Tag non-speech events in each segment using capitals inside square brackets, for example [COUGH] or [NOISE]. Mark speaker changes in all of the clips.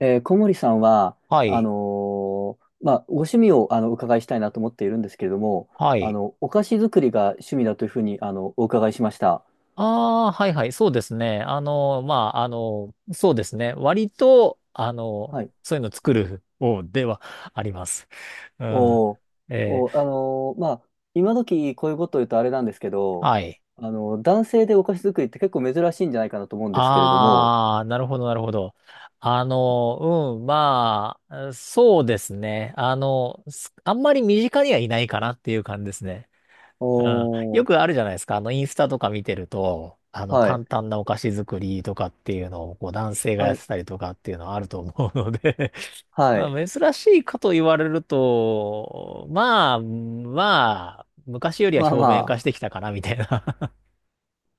Speaker 1: 小森さんは、
Speaker 2: は
Speaker 1: あ
Speaker 2: い。
Speaker 1: のまあ、ご趣味をお伺いしたいなと思っているんですけれども、
Speaker 2: はい。
Speaker 1: お菓子作りが趣味だというふうに、お伺いしました。
Speaker 2: ああ、はいはい。そうですね。まあ、そうですね。割と、
Speaker 1: はい。
Speaker 2: そういうの作る方ではあります。うん。
Speaker 1: おー。
Speaker 2: え
Speaker 1: おー、
Speaker 2: ー
Speaker 1: まあ、今時こういうことを言うとあれなんですけど、
Speaker 2: はい。
Speaker 1: 男性でお菓子作りって結構珍しいんじゃないかなと思うんですけれども。
Speaker 2: ああ、なるほど、なるほど。まあ、そうですね。あんまり身近にはいないかなっていう感じですね。
Speaker 1: お
Speaker 2: うん。よ
Speaker 1: ー。
Speaker 2: くあるじゃないですか。インスタとか見てると、
Speaker 1: はい。
Speaker 2: 簡単なお菓子作りとかっていうのを、こう、男性が
Speaker 1: は
Speaker 2: やっ
Speaker 1: い。
Speaker 2: てたりとかっていうのはあると思うので [LAUGHS]
Speaker 1: は
Speaker 2: ま
Speaker 1: い。
Speaker 2: あ、珍しいかと言われると、まあ、昔よりは
Speaker 1: まあ
Speaker 2: 表面化し
Speaker 1: ま
Speaker 2: てきたかな、みたいな。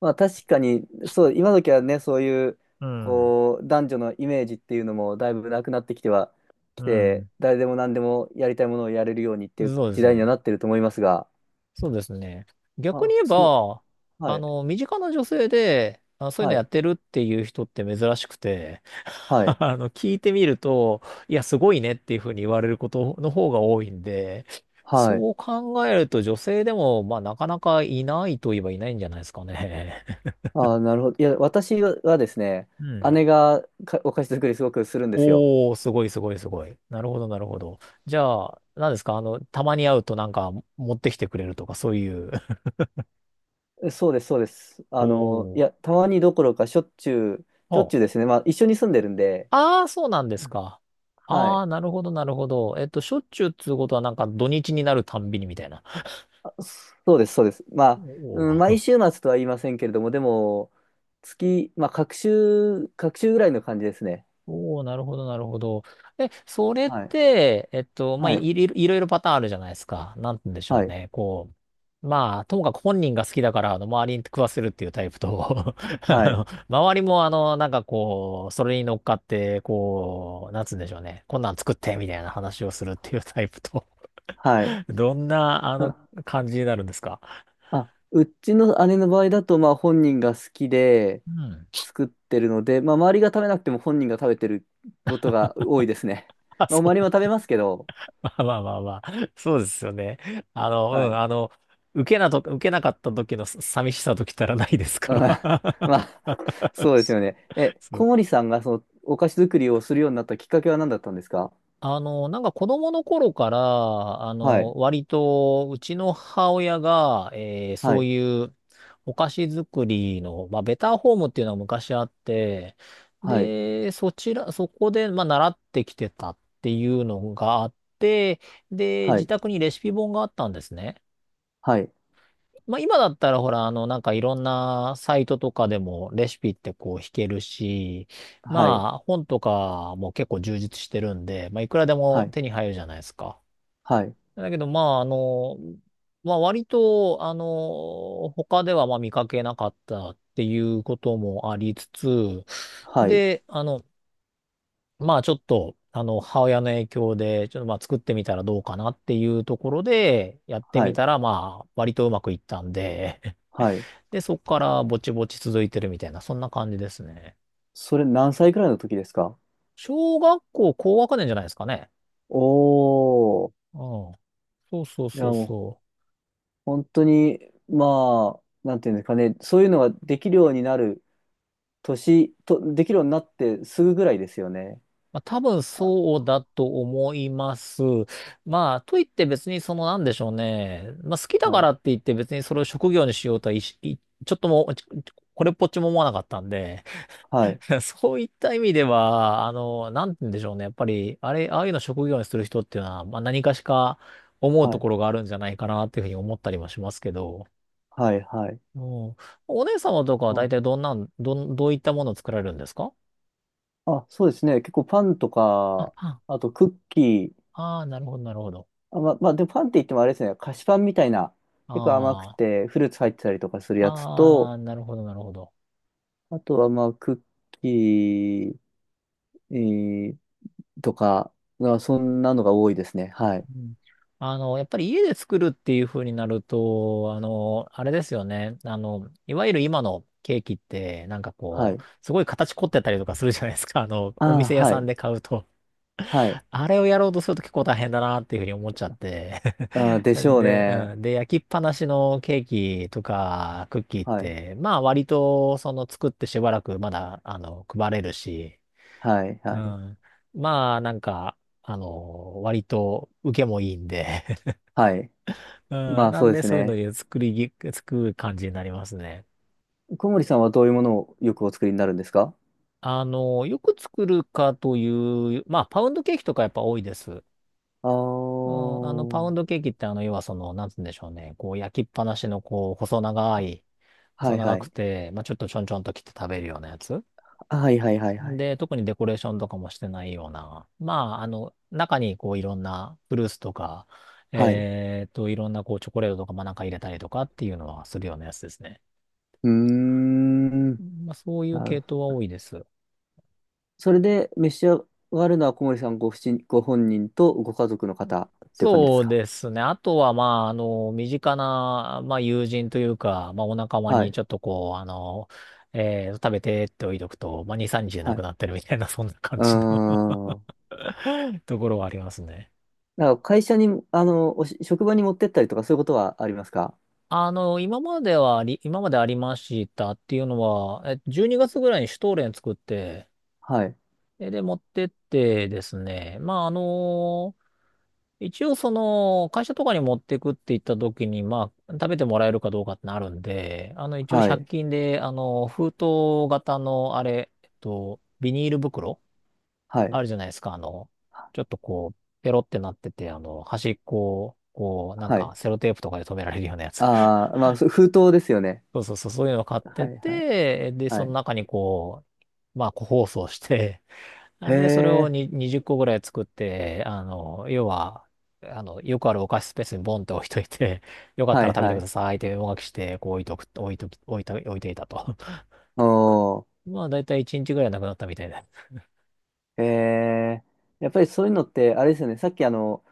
Speaker 1: まあ確かに、そう、今時はね、そういう、
Speaker 2: [LAUGHS] うん。
Speaker 1: こう、男女のイメージっていうのもだいぶなくなってきては、き
Speaker 2: う
Speaker 1: て、
Speaker 2: ん。
Speaker 1: 誰でも何でもやりたいものをやれるようにっていう
Speaker 2: そうで
Speaker 1: 時
Speaker 2: す
Speaker 1: 代には
Speaker 2: ね。
Speaker 1: なってると思いますが、
Speaker 2: そうですね。逆に
Speaker 1: あ、
Speaker 2: 言えば、
Speaker 1: はい、
Speaker 2: 身近な女性で、そういう
Speaker 1: は
Speaker 2: のや
Speaker 1: い、
Speaker 2: ってるっていう人って珍しくて、[LAUGHS]
Speaker 1: はい、
Speaker 2: 聞いてみると、いや、すごいねっていうふうに言われることの方が多いんで、
Speaker 1: はい。
Speaker 2: そう考えると女性でも、まあ、なかなかいないといえばいないんじゃないですかね。
Speaker 1: あ、なるほど。いや、私はですね、
Speaker 2: [LAUGHS] うん。
Speaker 1: 姉がお菓子作りすごくするんですよ。
Speaker 2: おー、すごいすごいすごい。なるほど、なるほど。じゃあ、何ですかたまに会うとなんか持ってきてくれるとか、そういう。
Speaker 1: そうです、そうです。
Speaker 2: [LAUGHS]
Speaker 1: い
Speaker 2: お
Speaker 1: や、
Speaker 2: ー。
Speaker 1: たまにどころかしょっちゅう、しょっちゅう
Speaker 2: あ
Speaker 1: ですね。まあ一緒に住んでるんで。
Speaker 2: ああ、そうなんですか。
Speaker 1: は
Speaker 2: ああ、
Speaker 1: い。
Speaker 2: なるほど、なるほど。しょっちゅうっつうことはなんか土日になるたんびにみたいな。
Speaker 1: そうです、そうです。まあ、
Speaker 2: お
Speaker 1: うん、毎
Speaker 2: ー。
Speaker 1: 週末とは言いませんけれども、でも、まあ、隔週ぐらいの感じですね。
Speaker 2: [LAUGHS] おー、なるほど、なるほど。え、それっ
Speaker 1: はい。
Speaker 2: て、まあ、
Speaker 1: はい。
Speaker 2: いろいろパターンあるじゃないですか。なんて言うんでしょ
Speaker 1: は
Speaker 2: う
Speaker 1: い。
Speaker 2: ね。こう、まあ、ともかく本人が好きだから、周りに食わせるっていうタイプと、[LAUGHS] あ
Speaker 1: はい。
Speaker 2: の周りも、なんかこう、それに乗っかって、こう、なんつうんでしょうね。こんなん作って、みたいな話をするっていうタイプと、
Speaker 1: はい。
Speaker 2: [LAUGHS] どんな、
Speaker 1: [LAUGHS] あ、
Speaker 2: 感じになるんですか。
Speaker 1: うちの姉の場合だと、まあ、本人が好きで
Speaker 2: うん。
Speaker 1: 作ってるので、まあ、周りが食べなくても本人が食べてることが多いですね。
Speaker 2: [LAUGHS] あ、
Speaker 1: まあ、周
Speaker 2: そ
Speaker 1: りも食
Speaker 2: う。[LAUGHS]
Speaker 1: べますけど。
Speaker 2: まあまあまあまあ。[LAUGHS] そうですよね。あの、う
Speaker 1: は
Speaker 2: ん、
Speaker 1: い。
Speaker 2: あの、受けなかった時の寂しさときたらないです
Speaker 1: う
Speaker 2: か
Speaker 1: ん。 [LAUGHS]
Speaker 2: ら。
Speaker 1: まあ、そうですよね。
Speaker 2: [LAUGHS] そう。
Speaker 1: 小森さんがそのお菓子作りをするようになったきっかけは何だったんですか？
Speaker 2: なんか子供の頃から、
Speaker 1: はい。
Speaker 2: 割と、うちの母親が、
Speaker 1: は
Speaker 2: そう
Speaker 1: い。
Speaker 2: いうお菓子作りの、まあ、ベターホームっていうのは昔あって、
Speaker 1: はい、
Speaker 2: で、そちら、そこで、まあ、習ってきてたっていうのがあって、で、
Speaker 1: は
Speaker 2: 自
Speaker 1: い、
Speaker 2: 宅にレシピ本があったんですね。
Speaker 1: はい、
Speaker 2: まあ今だったらほら、なんかいろんなサイトとかでもレシピってこう弾けるし、
Speaker 1: はい、
Speaker 2: まあ本とかも結構充実してるんで、まあいくらで
Speaker 1: は
Speaker 2: も
Speaker 1: い、
Speaker 2: 手に入るじゃないですか。
Speaker 1: はい、
Speaker 2: だけどまあまあ割と、他ではまあ見かけなかったっていうこともありつつ、
Speaker 1: はい、
Speaker 2: で、まあちょっと、母親の影響で、ちょっとまあ作ってみたらどうかなっていうところで、やって
Speaker 1: は
Speaker 2: み
Speaker 1: い、
Speaker 2: たらまあ割とうまくいったんで、
Speaker 1: はい。
Speaker 2: で、そこからぼちぼち続いてるみたいな、そんな感じですね。
Speaker 1: それ何歳くらいの時ですか？
Speaker 2: 小学校高学年じゃないですかね。
Speaker 1: おー。
Speaker 2: うん。そうそう
Speaker 1: いや
Speaker 2: そう
Speaker 1: もう
Speaker 2: そう。
Speaker 1: 本当に、まあ、なんていうんですかね、そういうのができるようになる年と、できるようになってすぐぐらいですよね。
Speaker 2: まあ多分そうだと思います。まあ、といって別にそのなんでしょうね。まあ好きだ
Speaker 1: は
Speaker 2: か
Speaker 1: い、
Speaker 2: らって言って別にそれを職業にしようとはいしいちょっとも、ちこれっぽっちも思わなかったんで、
Speaker 1: はい、
Speaker 2: [LAUGHS] そういった意味では、なんて言うんでしょうね。やっぱり、あれ、ああいうの職業にする人っていうのは、まあ何かしか思う
Speaker 1: は
Speaker 2: と
Speaker 1: い、
Speaker 2: ころがあるんじゃないかなっていうふうに思ったりもしますけど、
Speaker 1: はい、はい。
Speaker 2: おー、お姉様とかは
Speaker 1: う
Speaker 2: 大
Speaker 1: ん
Speaker 2: 体どんなん、どん、どういったものを作られるんですか。
Speaker 1: あ、そうですね、結構パンと
Speaker 2: あ、
Speaker 1: か、
Speaker 2: パン。
Speaker 1: あとクッキー、
Speaker 2: ああ、なるほど、なるほど。
Speaker 1: あ、まあ、でもパンって言ってもあれですね、菓子パンみたいな、結構甘く
Speaker 2: あ
Speaker 1: てフルーツ入ってたりとかする
Speaker 2: あ、
Speaker 1: やつ
Speaker 2: あ
Speaker 1: と、
Speaker 2: あ、なるほど、なるほど。
Speaker 1: あとは、まあ、クッキー、えーとか、そんなのが多いですね。はい。
Speaker 2: うん。やっぱり家で作るっていう風になると、あれですよね。いわゆる今のケーキって、なんか
Speaker 1: は
Speaker 2: こう、
Speaker 1: い。
Speaker 2: すごい形凝ってたりとかするじゃないですか。
Speaker 1: あ
Speaker 2: お
Speaker 1: あ、
Speaker 2: 店屋
Speaker 1: は
Speaker 2: さん
Speaker 1: い。
Speaker 2: で買うと。
Speaker 1: はい。
Speaker 2: あれをやろうとすると結構大変だなっていうふうに思っちゃって。
Speaker 1: ああ、
Speaker 2: [LAUGHS]
Speaker 1: でしょう
Speaker 2: で、う
Speaker 1: ね。
Speaker 2: ん。で、焼きっぱなしのケーキとかクッキーっ
Speaker 1: はい。
Speaker 2: て、まあ割とその作ってしばらくまだ、配れるし、
Speaker 1: はい。
Speaker 2: う
Speaker 1: はい。
Speaker 2: ん。まあなんか、割と受けもいいんで。 [LAUGHS]
Speaker 1: はい。
Speaker 2: う
Speaker 1: ま
Speaker 2: ん。
Speaker 1: あ、
Speaker 2: な
Speaker 1: そう
Speaker 2: ん
Speaker 1: で
Speaker 2: で
Speaker 1: す
Speaker 2: そういうの
Speaker 1: ね。
Speaker 2: で作りぎ、作る感じになりますね。
Speaker 1: 小森さんはどういうものをよくお作りになるんですか？
Speaker 2: よく作るかという、まあパウンドケーキとかやっぱ多いです。
Speaker 1: ああ
Speaker 2: パ
Speaker 1: ー。
Speaker 2: ウンドケーキって、要はその、なんつうんでしょうね。こう、焼きっぱなしの、こう、
Speaker 1: は
Speaker 2: 細
Speaker 1: い
Speaker 2: 長
Speaker 1: は
Speaker 2: く
Speaker 1: い。
Speaker 2: て、まあ、ちょっとちょんちょんと切って食べるようなやつ。
Speaker 1: はいはいはいはい。
Speaker 2: で、特にデコレーションとかもしてないような。まあ、中に、こう、いろんなフルーツとか、
Speaker 1: はい。
Speaker 2: いろんな、こう、チョコレートとか、まあ、なんか入れたりとかっていうのはするようなやつですね。
Speaker 1: うーん。
Speaker 2: まあ、そういう
Speaker 1: なる
Speaker 2: 系
Speaker 1: ほど。
Speaker 2: 統は多いです。
Speaker 1: それで召し上がるのは小森さんご本人とご家族の方っていう感じです
Speaker 2: そう
Speaker 1: か？
Speaker 2: ですね。あとは、まあ、身近な、まあ、友人というか、まあ、お仲間
Speaker 1: は
Speaker 2: に
Speaker 1: い。
Speaker 2: ちょっとこう、食べてって置いとくと、まあ、2、3日で
Speaker 1: は
Speaker 2: なく
Speaker 1: い
Speaker 2: なってるみたいな、そんな感
Speaker 1: うー
Speaker 2: じの
Speaker 1: ん。
Speaker 2: [LAUGHS] ところはありますね。
Speaker 1: なんか会社に、職場に持ってったりとかそういうことはありますか？
Speaker 2: 今までありましたっていうのは、え12月ぐらいにシュトーレン作って、
Speaker 1: はい。
Speaker 2: で、持ってってですね、まあ、あの一応その、会社とかに持ってくって言った時に、まあ、食べてもらえるかどうかってなるんで、一応
Speaker 1: は
Speaker 2: 100
Speaker 1: い。
Speaker 2: 均で、封筒型の、あれ、ビニール袋
Speaker 1: はい。
Speaker 2: あるじゃないですか、ちょっとこう、ペロってなってて、端っこを、こう、なん
Speaker 1: はい。
Speaker 2: か、セロテープとかで留められるようなやつ。
Speaker 1: ああ、まあ、そう封筒ですよね。
Speaker 2: [LAUGHS] そうそうそう、そういうのを買っ
Speaker 1: は
Speaker 2: て
Speaker 1: い、はい、
Speaker 2: て、で、
Speaker 1: は
Speaker 2: その
Speaker 1: い。
Speaker 2: 中にこう、まあ、個包装して、
Speaker 1: へ
Speaker 2: で、それを
Speaker 1: え、
Speaker 2: に20個ぐらい作って、あの、要は、あの、よくあるお菓子スペースにボンって置いといて、[LAUGHS] よかっ
Speaker 1: は
Speaker 2: た
Speaker 1: い、
Speaker 2: ら食べ
Speaker 1: は
Speaker 2: てく
Speaker 1: い。
Speaker 2: ださいってお書きして、こう置いとく、置いとき、置いと、置いていたと。
Speaker 1: おー、
Speaker 2: [LAUGHS] まあ、だいたい1日ぐらいなくなったみたいで。
Speaker 1: へえ。やっぱりそういうのって、あれですよね。さっき、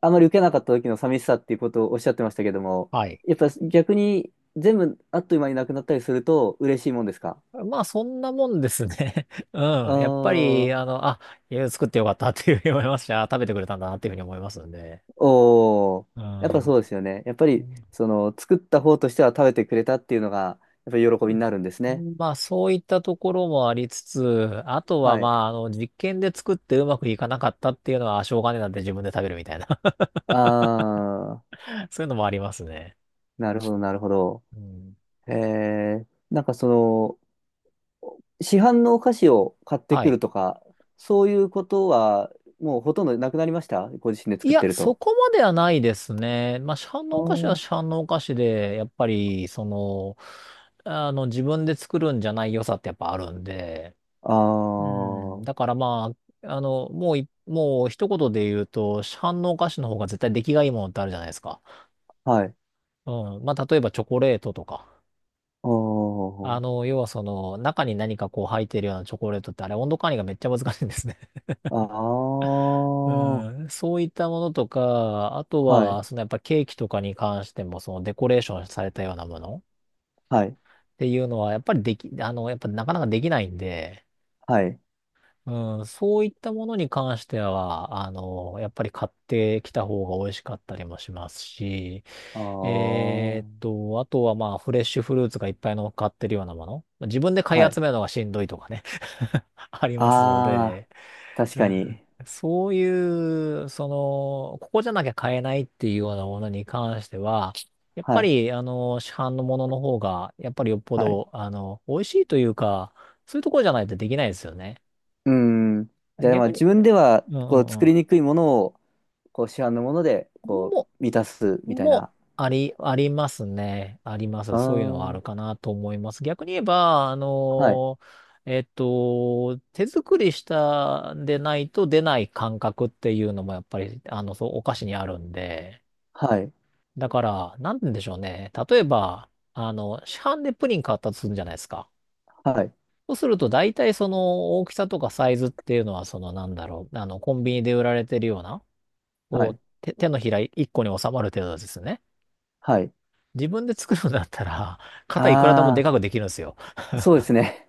Speaker 1: あまり受けなかった時の寂しさっていうことをおっしゃってましたけども、
Speaker 2: はい。
Speaker 1: やっぱ逆に全部あっという間になくなったりすると嬉しいもんですか？
Speaker 2: まあ、そんなもんですね。[LAUGHS] う
Speaker 1: あ
Speaker 2: ん。やっぱ
Speaker 1: あ
Speaker 2: り、
Speaker 1: ー。
Speaker 2: いや作ってよかったっていうふうに思いました。食べてくれたんだなっていうふうに思いますんで。
Speaker 1: おお。
Speaker 2: う
Speaker 1: やっぱ
Speaker 2: ん。
Speaker 1: そうですよね。やっぱ
Speaker 2: う
Speaker 1: り、
Speaker 2: ん。
Speaker 1: その、作った方としては食べてくれたっていうのが、やっぱり喜びになるんですね。
Speaker 2: まあ、そういったところもありつつ、あとは
Speaker 1: は
Speaker 2: ま
Speaker 1: い。
Speaker 2: あ、実験で作ってうまくいかなかったっていうのは、しょうがねえなって自分で食べるみたいな。
Speaker 1: ああ、
Speaker 2: [LAUGHS] そういうのもありますね。
Speaker 1: なるほど、なるほど。
Speaker 2: うん。
Speaker 1: ええ、なんかその、市販のお菓子を買って
Speaker 2: は
Speaker 1: くる
Speaker 2: い。
Speaker 1: とか、そういうことは、もうほとんどなくなりました？ご自身で
Speaker 2: い
Speaker 1: 作っ
Speaker 2: や、
Speaker 1: てる
Speaker 2: そ
Speaker 1: と。
Speaker 2: こまではないですね。まあ、市販
Speaker 1: あ
Speaker 2: のお菓子は
Speaker 1: ー、
Speaker 2: 市販のお菓子で、やっぱり、その、自分で作るんじゃない良さってやっぱあるんで、
Speaker 1: あ
Speaker 2: うん。
Speaker 1: ー、
Speaker 2: だからまあ、あの、もうい、もう一言で言うと、市販のお菓子の方が絶対出来がいいものってあるじゃないですか。
Speaker 1: はい。
Speaker 2: うん。まあ、例えばチョコレートとか。
Speaker 1: おー、
Speaker 2: 要はその、中に何かこう入ってるようなチョコレートって、あれ温度管理がめっちゃ難しいんですね。
Speaker 1: あ
Speaker 2: [LAUGHS] う
Speaker 1: ー、
Speaker 2: ん。そういったものとか、あと
Speaker 1: はい、
Speaker 2: は、そのやっぱケーキとかに関しても、そのデコレーションされたようなものっ
Speaker 1: はい、
Speaker 2: ていうのは、やっぱなかなかできないんで、
Speaker 1: はい。
Speaker 2: うん、そういったものに関しては、やっぱり買ってきた方が美味しかったりもしますし、
Speaker 1: あー、
Speaker 2: あとはまあ、フレッシュフルーツがいっぱい乗っかってるようなもの。自分で買
Speaker 1: は
Speaker 2: い
Speaker 1: い。
Speaker 2: 集めるのがしんどいとかね。 [LAUGHS] ありますの
Speaker 1: ああ、
Speaker 2: で、
Speaker 1: 確
Speaker 2: う
Speaker 1: か
Speaker 2: ん。
Speaker 1: に。
Speaker 2: そういう、その、ここじゃなきゃ買えないっていうようなものに関しては、やっ
Speaker 1: は
Speaker 2: ぱ
Speaker 1: い。
Speaker 2: り、市販のものの方が、やっぱりよっぽ
Speaker 1: はい。
Speaker 2: ど、美味しいというか、そういうところじゃないとできないですよね。
Speaker 1: うん。じゃあ、まあ
Speaker 2: 逆
Speaker 1: 自
Speaker 2: に、
Speaker 1: 分では、
Speaker 2: うんう
Speaker 1: こう、
Speaker 2: ん
Speaker 1: 作
Speaker 2: うん。
Speaker 1: りにくいものを、こう、市販のもので、こ
Speaker 2: も、
Speaker 1: う、満たす、みたい
Speaker 2: も、
Speaker 1: な。
Speaker 2: あり、ありますね。ありま
Speaker 1: あ
Speaker 2: す。そういうのはあ
Speaker 1: あ、
Speaker 2: るかなと思います。逆に言えば、
Speaker 1: はい。
Speaker 2: 手作りしたんでないと出ない感覚っていうのもやっぱり、あの、そう、お菓子にあるんで。
Speaker 1: はい。
Speaker 2: だから、なんて言うんでしょうね。例えば、あの、市販でプリン買ったとするじゃないですか。
Speaker 1: はい。
Speaker 2: そうすると、大体その大きさとかサイズっていうのは、そのなんだろう、あの、コンビニで売られてるような、
Speaker 1: は
Speaker 2: こ
Speaker 1: い。
Speaker 2: う、手のひら1個に収まる程度ですね。
Speaker 1: はい。
Speaker 2: 自分で作るんだったら、肩いくらでもで
Speaker 1: あ
Speaker 2: かくできるんですよ。
Speaker 1: あ、そうですね。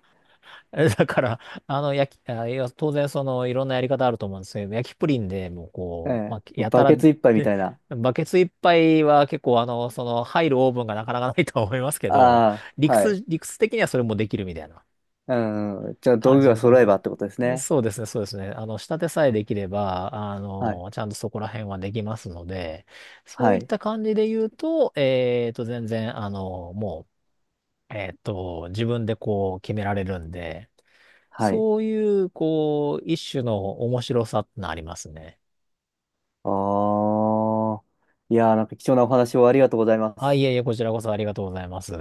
Speaker 2: えだから、あの、焼き、あ、いや、当然、その、いろんなやり方あると思うんですけど、焼きプリンでもう、
Speaker 1: [LAUGHS] え
Speaker 2: こう、ま
Speaker 1: え。
Speaker 2: あ、やた
Speaker 1: バ
Speaker 2: ら、
Speaker 1: ケツ一杯み
Speaker 2: で、
Speaker 1: たいな。
Speaker 2: バケツいっぱいは結構、あの、その、入るオーブンがなかなかないとは思いますけど、
Speaker 1: ああ、はい。
Speaker 2: 理屈的にはそれもできるみたいな。
Speaker 1: うん。じゃあ、道
Speaker 2: 感
Speaker 1: 具
Speaker 2: じ
Speaker 1: が
Speaker 2: のと
Speaker 1: 揃え
Speaker 2: こ
Speaker 1: ばってことです
Speaker 2: ろ。
Speaker 1: ね。
Speaker 2: そうですね、そうですね。仕立てさえできれば、
Speaker 1: はい。
Speaker 2: ちゃんとそこら辺はできますので、そう
Speaker 1: は
Speaker 2: いっ
Speaker 1: い。
Speaker 2: た感じで言うと、全然、あの、もう、えっと、自分でこう決められるんで、
Speaker 1: はい。
Speaker 2: そういう、こう、一種の面白さってのありますね。
Speaker 1: ああ。いやー、なんか貴重なお話をありがとうございま
Speaker 2: あ、い
Speaker 1: す。
Speaker 2: えいえ、こちらこそありがとうございます。